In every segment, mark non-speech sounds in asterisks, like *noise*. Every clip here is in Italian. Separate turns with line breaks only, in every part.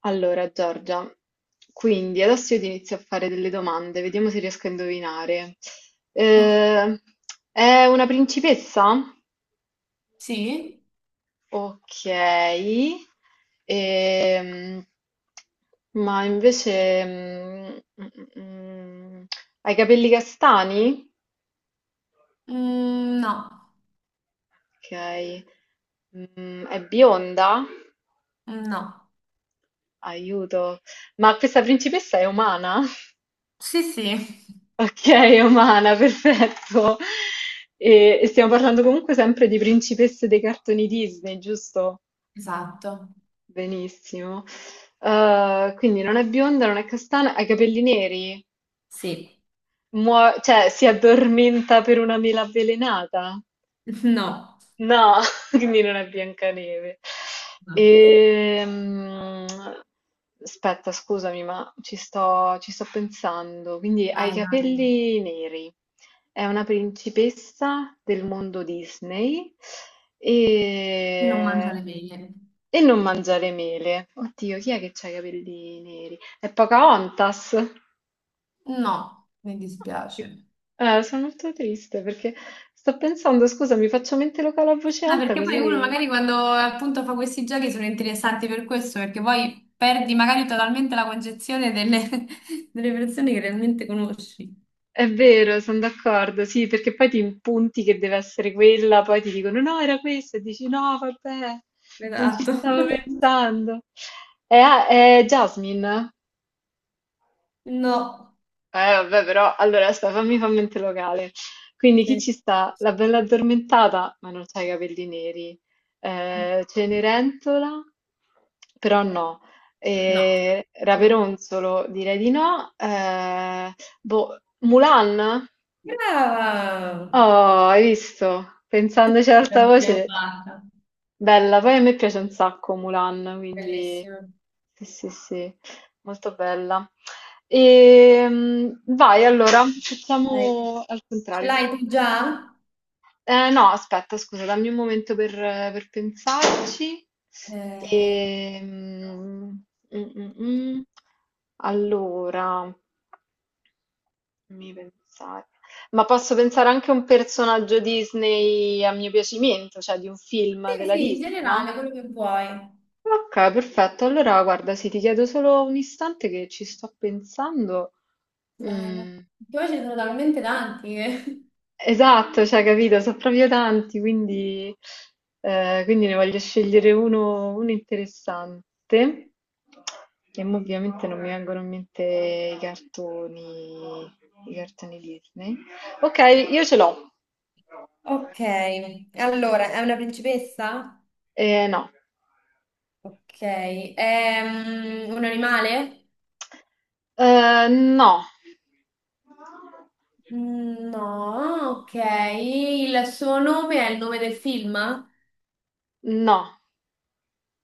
Allora, Giorgia, quindi adesso io ti inizio a fare delle domande, vediamo se riesco a indovinare.
Oh,
Eh, è una principessa?
sì?
Ok. Ehm, ma invece... mm, mm, ha i capelli castani?
Mm, no,
Ok. È bionda?
mm, no.
Aiuto. Ma questa principessa è umana?
Sì, sì,
Ok, Omana, perfetto. E stiamo parlando comunque sempre di principesse dei cartoni Disney, giusto?
esatto.
Benissimo. Quindi non è bionda, non è castana, ha i capelli neri,
Sì,
cioè si addormenta per una mela avvelenata.
*laughs* no.
No, *laughs* quindi non è Biancaneve.
No.
Ehm, Aspetta, scusami, ma ci sto pensando. Quindi ha i
Vai, vai.
capelli neri, è una principessa del mondo Disney
E non mangia
e,
le mele.
e non mangiare mele. Oddio, chi è che ha i capelli neri? È Pocahontas.
No, mi
Che-
dispiace.
Sono molto triste perché sto pensando, scusa, mi faccio mente locale a voce
No,
alta
perché poi uno
così...
magari quando appunto fa questi giochi sono interessanti per questo, perché poi perdi magari totalmente la concezione delle, *laughs* delle persone che realmente conosci.
È vero, sono d'accordo, sì, perché poi ti impunti che deve essere quella, poi ti dicono no, era questa, e dici no, vabbè, non ci
Esatto.
stavo
*laughs*
pensando. È Jasmine?
No.
Vabbè, però, allora, aspetta, fammi fa mente locale. Quindi chi
Sì.
ci sta? La bella addormentata, ma non c'ha i capelli neri. Cenerentola? Però no.
No. Io-
Raperonzolo? Direi di no. Boh, Mulan?
Brava!
Oh, hai visto? Pensandoci ad alta
L'abbiamo
voce,
L'abbiamo fatta.
bella. Poi a me piace un sacco Mulan, quindi
Bellissimo.
sì, sì, sì, molto bella. Vai, allora,
Dai.
facciamo al
Ce
contrario.
l'hai tu già?
No, aspetta, scusa, dammi un momento per pensarci.
Eh,
Ehm, mm, mm, mm. Allora. Fammi pensare. Ma posso pensare anche a un personaggio Disney a mio piacimento, cioè di un film
sì,
della
sì, in
Disney, no?
generale, quello che vuoi.
Ok, perfetto. Allora, guarda, sì, ti chiedo solo un istante che ci sto pensando.
Vai, vai.
Mm,
Che poi ce ne sono talmente tanti che...
esatto, cioè, capito, sono proprio tanti, quindi, quindi ne voglio scegliere uno, uno interessante. E mo ovviamente non mi vengono in mente i cartoni, i cartoni Disney. Ok, io ce l'ho.
Ok, allora, è una principessa?
No.
Ok, è un animale?
No,
Mm, no, ok. Il suo nome è il nome del film?
no,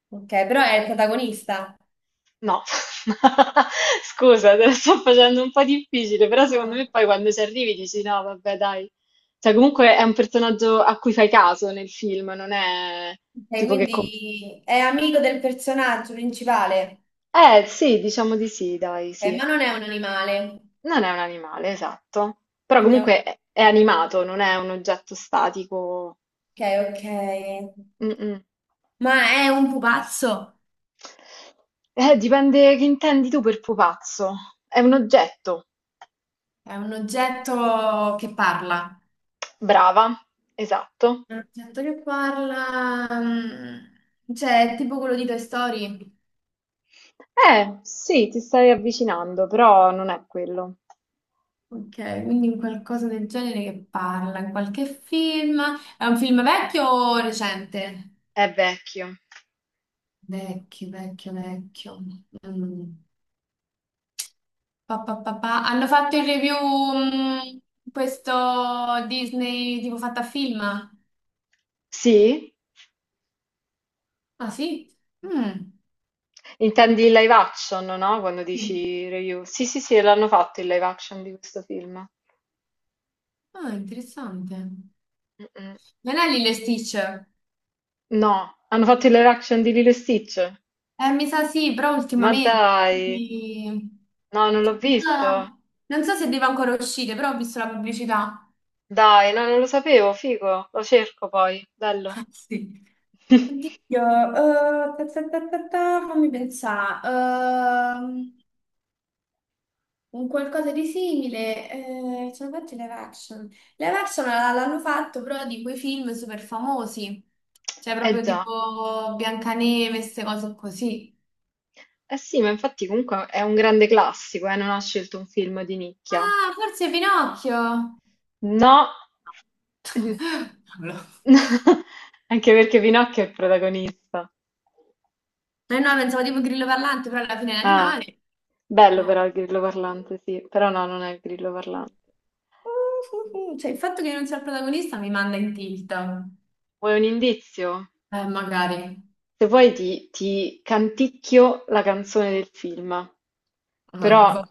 Ok, però è il protagonista.
no. *laughs* Scusa, te la sto facendo un po' difficile, però secondo
Ok.
me poi quando ci arrivi dici no, vabbè, dai. Cioè, comunque è un personaggio a cui fai caso nel film, non è
Ok,
tipo che...
quindi è amico del personaggio principale.
Sì, diciamo di sì, dai, sì.
Ma non è un animale,
Non è un animale, esatto. Però
quindi ok,
comunque è animato, non è un oggetto statico.
ok.
Mm, mm.
Ma è un pupazzo,
Dipende che intendi tu per pupazzo. È un oggetto.
è un oggetto che parla.
Brava, esatto.
È un oggetto che parla, mm, cioè è tipo quello di Toy Story.
Sì, ti stai avvicinando, però non è quello.
Ok, quindi un qualcosa del genere che parla, in qualche film. È un film vecchio o recente?
È vecchio.
Vecchio, vecchio, vecchio. Mm. Pa, pa, pa, pa. Hanno fatto il review, mm, questo Disney tipo fatta a film?
Sì?
Ah sì? Mm.
Intendi il live action, no? Quando
Sì.
dici review. Sì, sì, sì, l'hanno fatto il live action di questo film.
Ah, interessante.
Mm-mm.
Non è Lilo e Stitch?
No, hanno fatto il live action di Lilo e Stitch.
Mi sa sì, però
Ma
ultimamente.
dai,
quindi-
no, non l'ho visto.
Ah, non so se deve ancora uscire, però ho visto la pubblicità.
Dai, no, non lo sapevo, figo. Lo cerco poi, bello.
Ah, sì.
*laughs*
Oddio, ta, ta, ta, ta, ta, fammi pensare. ehm, un qualcosa di simile. Eh, ce l'ho fatto live action. L'hanno fatto però di quei film super famosi, cioè,
Eh
proprio
già.
tipo Biancaneve, queste cose così.
Eh sì, ma infatti comunque è un grande classico, non ha scelto un film di nicchia.
Ah, forse Pinocchio.
No, *laughs*
*laughs* Non lo-
anche perché Pinocchio è il protagonista.
Eh no, pensavo tipo grillo parlante, però alla fine è un
Ah,
animale.
bello
No.
però il grillo parlante, sì, però no, non è il grillo parlante.
*laughs* Cioè, il fatto che io non sia il protagonista mi manda in tilt.
Vuoi un indizio?
Magari.
Se vuoi ti canticchio la canzone del film,
Ah,
però
va-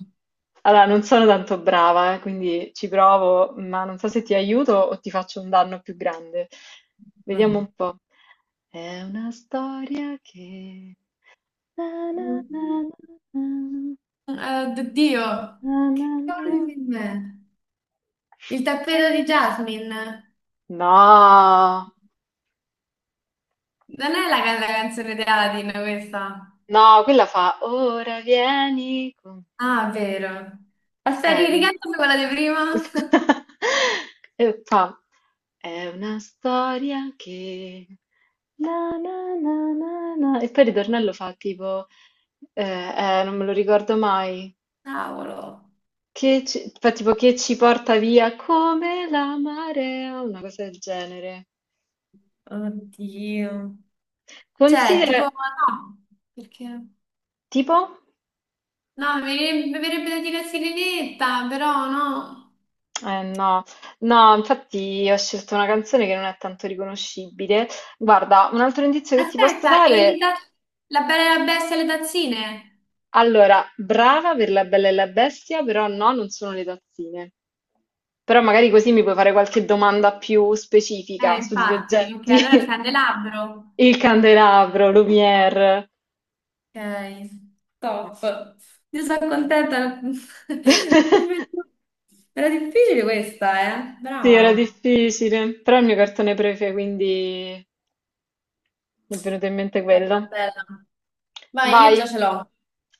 allora, non sono tanto brava, quindi ci provo, ma non so se ti aiuto o ti faccio un danno più grande. Vediamo
Vai.
un po'. È una storia che... na, na,
Mm.
na, na,
Oddio.
na,
Che
na, na,
cavolo di
na.
film è? Il tappeto di Jasmine.
No,
Non è la, la canzone di Aladdin questa.
no, quella fa ora vieni con...
Ah, vero. Aspetta,
Eh, quindi-
ricantamela quella di prima.
*laughs* e fa È una storia che... Na, na, na, na, na. E poi il ritornello fa tipo... non me lo ricordo mai.
*laughs* Cavolo.
Che ci... Fa tipo che ci porta via come la marea, una cosa del genere.
Oddio. Cioè, tipo,
Considera...
no, perché?
Tipo?
No, mi verrebbe da dire sirenetta, però no.
Eh no, no, infatti ho scelto una canzone che non è tanto riconoscibile. Guarda, un altro indizio che ti posso
Aspetta, e le
dare
ta- la bella e la bestia e le tazzine?
Allora, brava per La Bella e la Bestia, però no, non sono le tazzine. Però magari così mi puoi fare qualche domanda più specifica sugli
Infatti, ok, allora il
oggetti.
candelabro.
*laughs* Il candelabro, Lumière.
Ok, top. Io sono contenta. *laughs* Non
*laughs*
vedo- Era difficile questa, eh?
Sì, era
Brava.
difficile, però è il mio cartone prefe, quindi mi è venuto in mente
Bella,
quello.
bella. Vai, io già
Vai.
ce l'ho.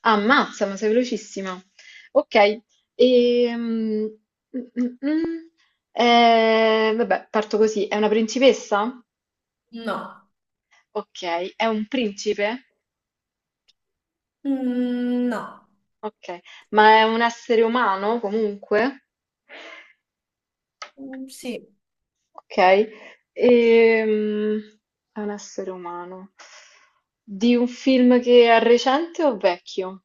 Ammazza, ma sei velocissima. Ok, ehm, mm, mm, mm. Vabbè, parto così. È una principessa?
No.
Ok, è un principe?
Mm, no.
Ok, ma è un essere umano comunque?
Mm, sì.
Ok, ehm, è un essere umano. Di un film che è recente o vecchio?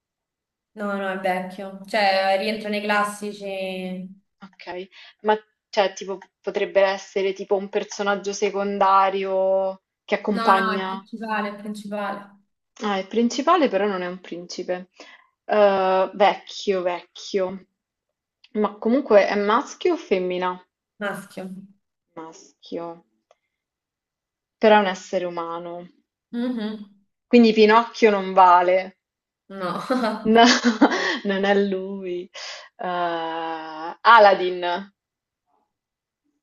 No, no, è vecchio. Cioè, rientra nei classici.
Okay. Ma cioè tipo p potrebbe essere tipo un personaggio secondario che
No, no, è
accompagna
principale, è principale.
ah, il principale però non è un principe. Vecchio, vecchio. Ma comunque è maschio o femmina?
Maschio.
Maschio. Però è un essere umano.
Mhm.
Quindi Pinocchio non vale.
No.
No,
*laughs*
*laughs* non è lui. Aladdin.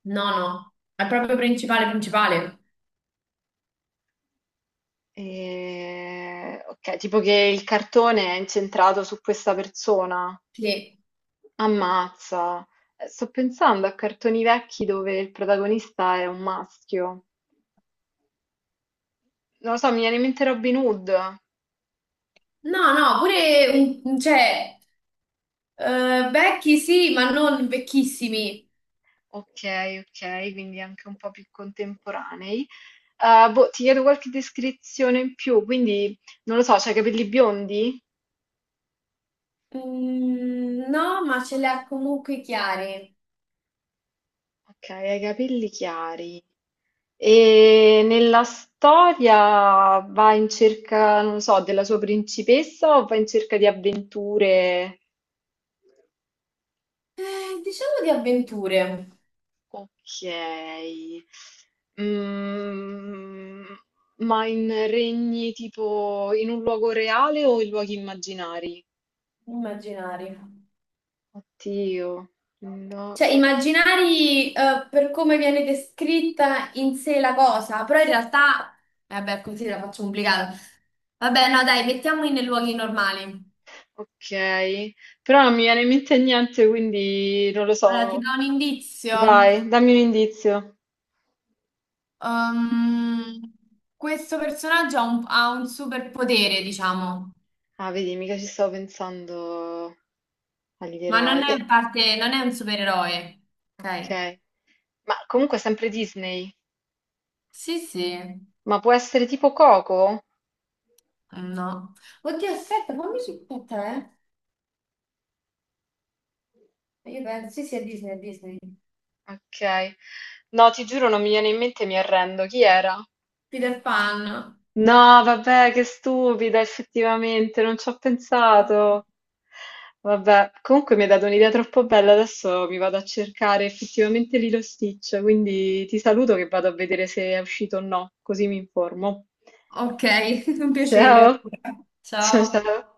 No, no. È
No.
proprio principale, principale.
Ok, tipo che il cartone è incentrato su questa persona.
Sì.
Ammazza. Sto pensando a cartoni vecchi dove il protagonista è un maschio. Non lo so, mi viene in mente Robin Hood.
No, no, pure, un- cioè, vecchi sì, ma non vecchissimi.
Ok, ok, quindi anche un po' più contemporanei. Boh, ti chiedo qualche descrizione in più, quindi non lo so, c'hai i capelli biondi?
Mm, no, ma ce li ha comunque chiari.
Ok, hai i capelli chiari. E nella storia va in cerca, non so, della sua principessa o va in cerca di avventure?
Diciamo di avventure.
Ok. Mm, ma in regni tipo in un luogo reale o in luoghi immaginari?
Immaginari.
Oddio. No,
Cioè, immaginari, per come viene descritta in sé la cosa, però in realtà, vabbè, così la faccio complicata. Vabbè, no, dai, mettiamoli nei luoghi normali.
ok. Però non mi viene in mente niente, quindi non lo
Allora, ti
so.
do un indizio.
Vai, dammi un indizio.
Ehm, Questo personaggio ha ha un superpotere, diciamo,
Ah, vedi, mica ci stavo pensando. Agli dei
ma non
Roy.
è parte, non è un supereroe. Ok?
Ok. Ma comunque sempre Disney.
Sì, sì.
Ma può essere tipo Coco?
No. Oddio, aspetta, fammi su aspetta, eh. Io penso, sì, sì, è Disney, è Disney.
Ok. No, ti giuro, non mi viene in mente, mi arrendo. Chi era?
Peter Pan.
No, vabbè, che stupida, effettivamente, non ci ho pensato. Vabbè, comunque mi hai dato un'idea troppo bella, adesso mi vado a cercare effettivamente Lilo Stitch, quindi ti saluto che vado a vedere se è uscito o no, così mi informo.
Ok, *laughs* un piacere
Ciao,
allora.
ciao
Ciao.
ciao.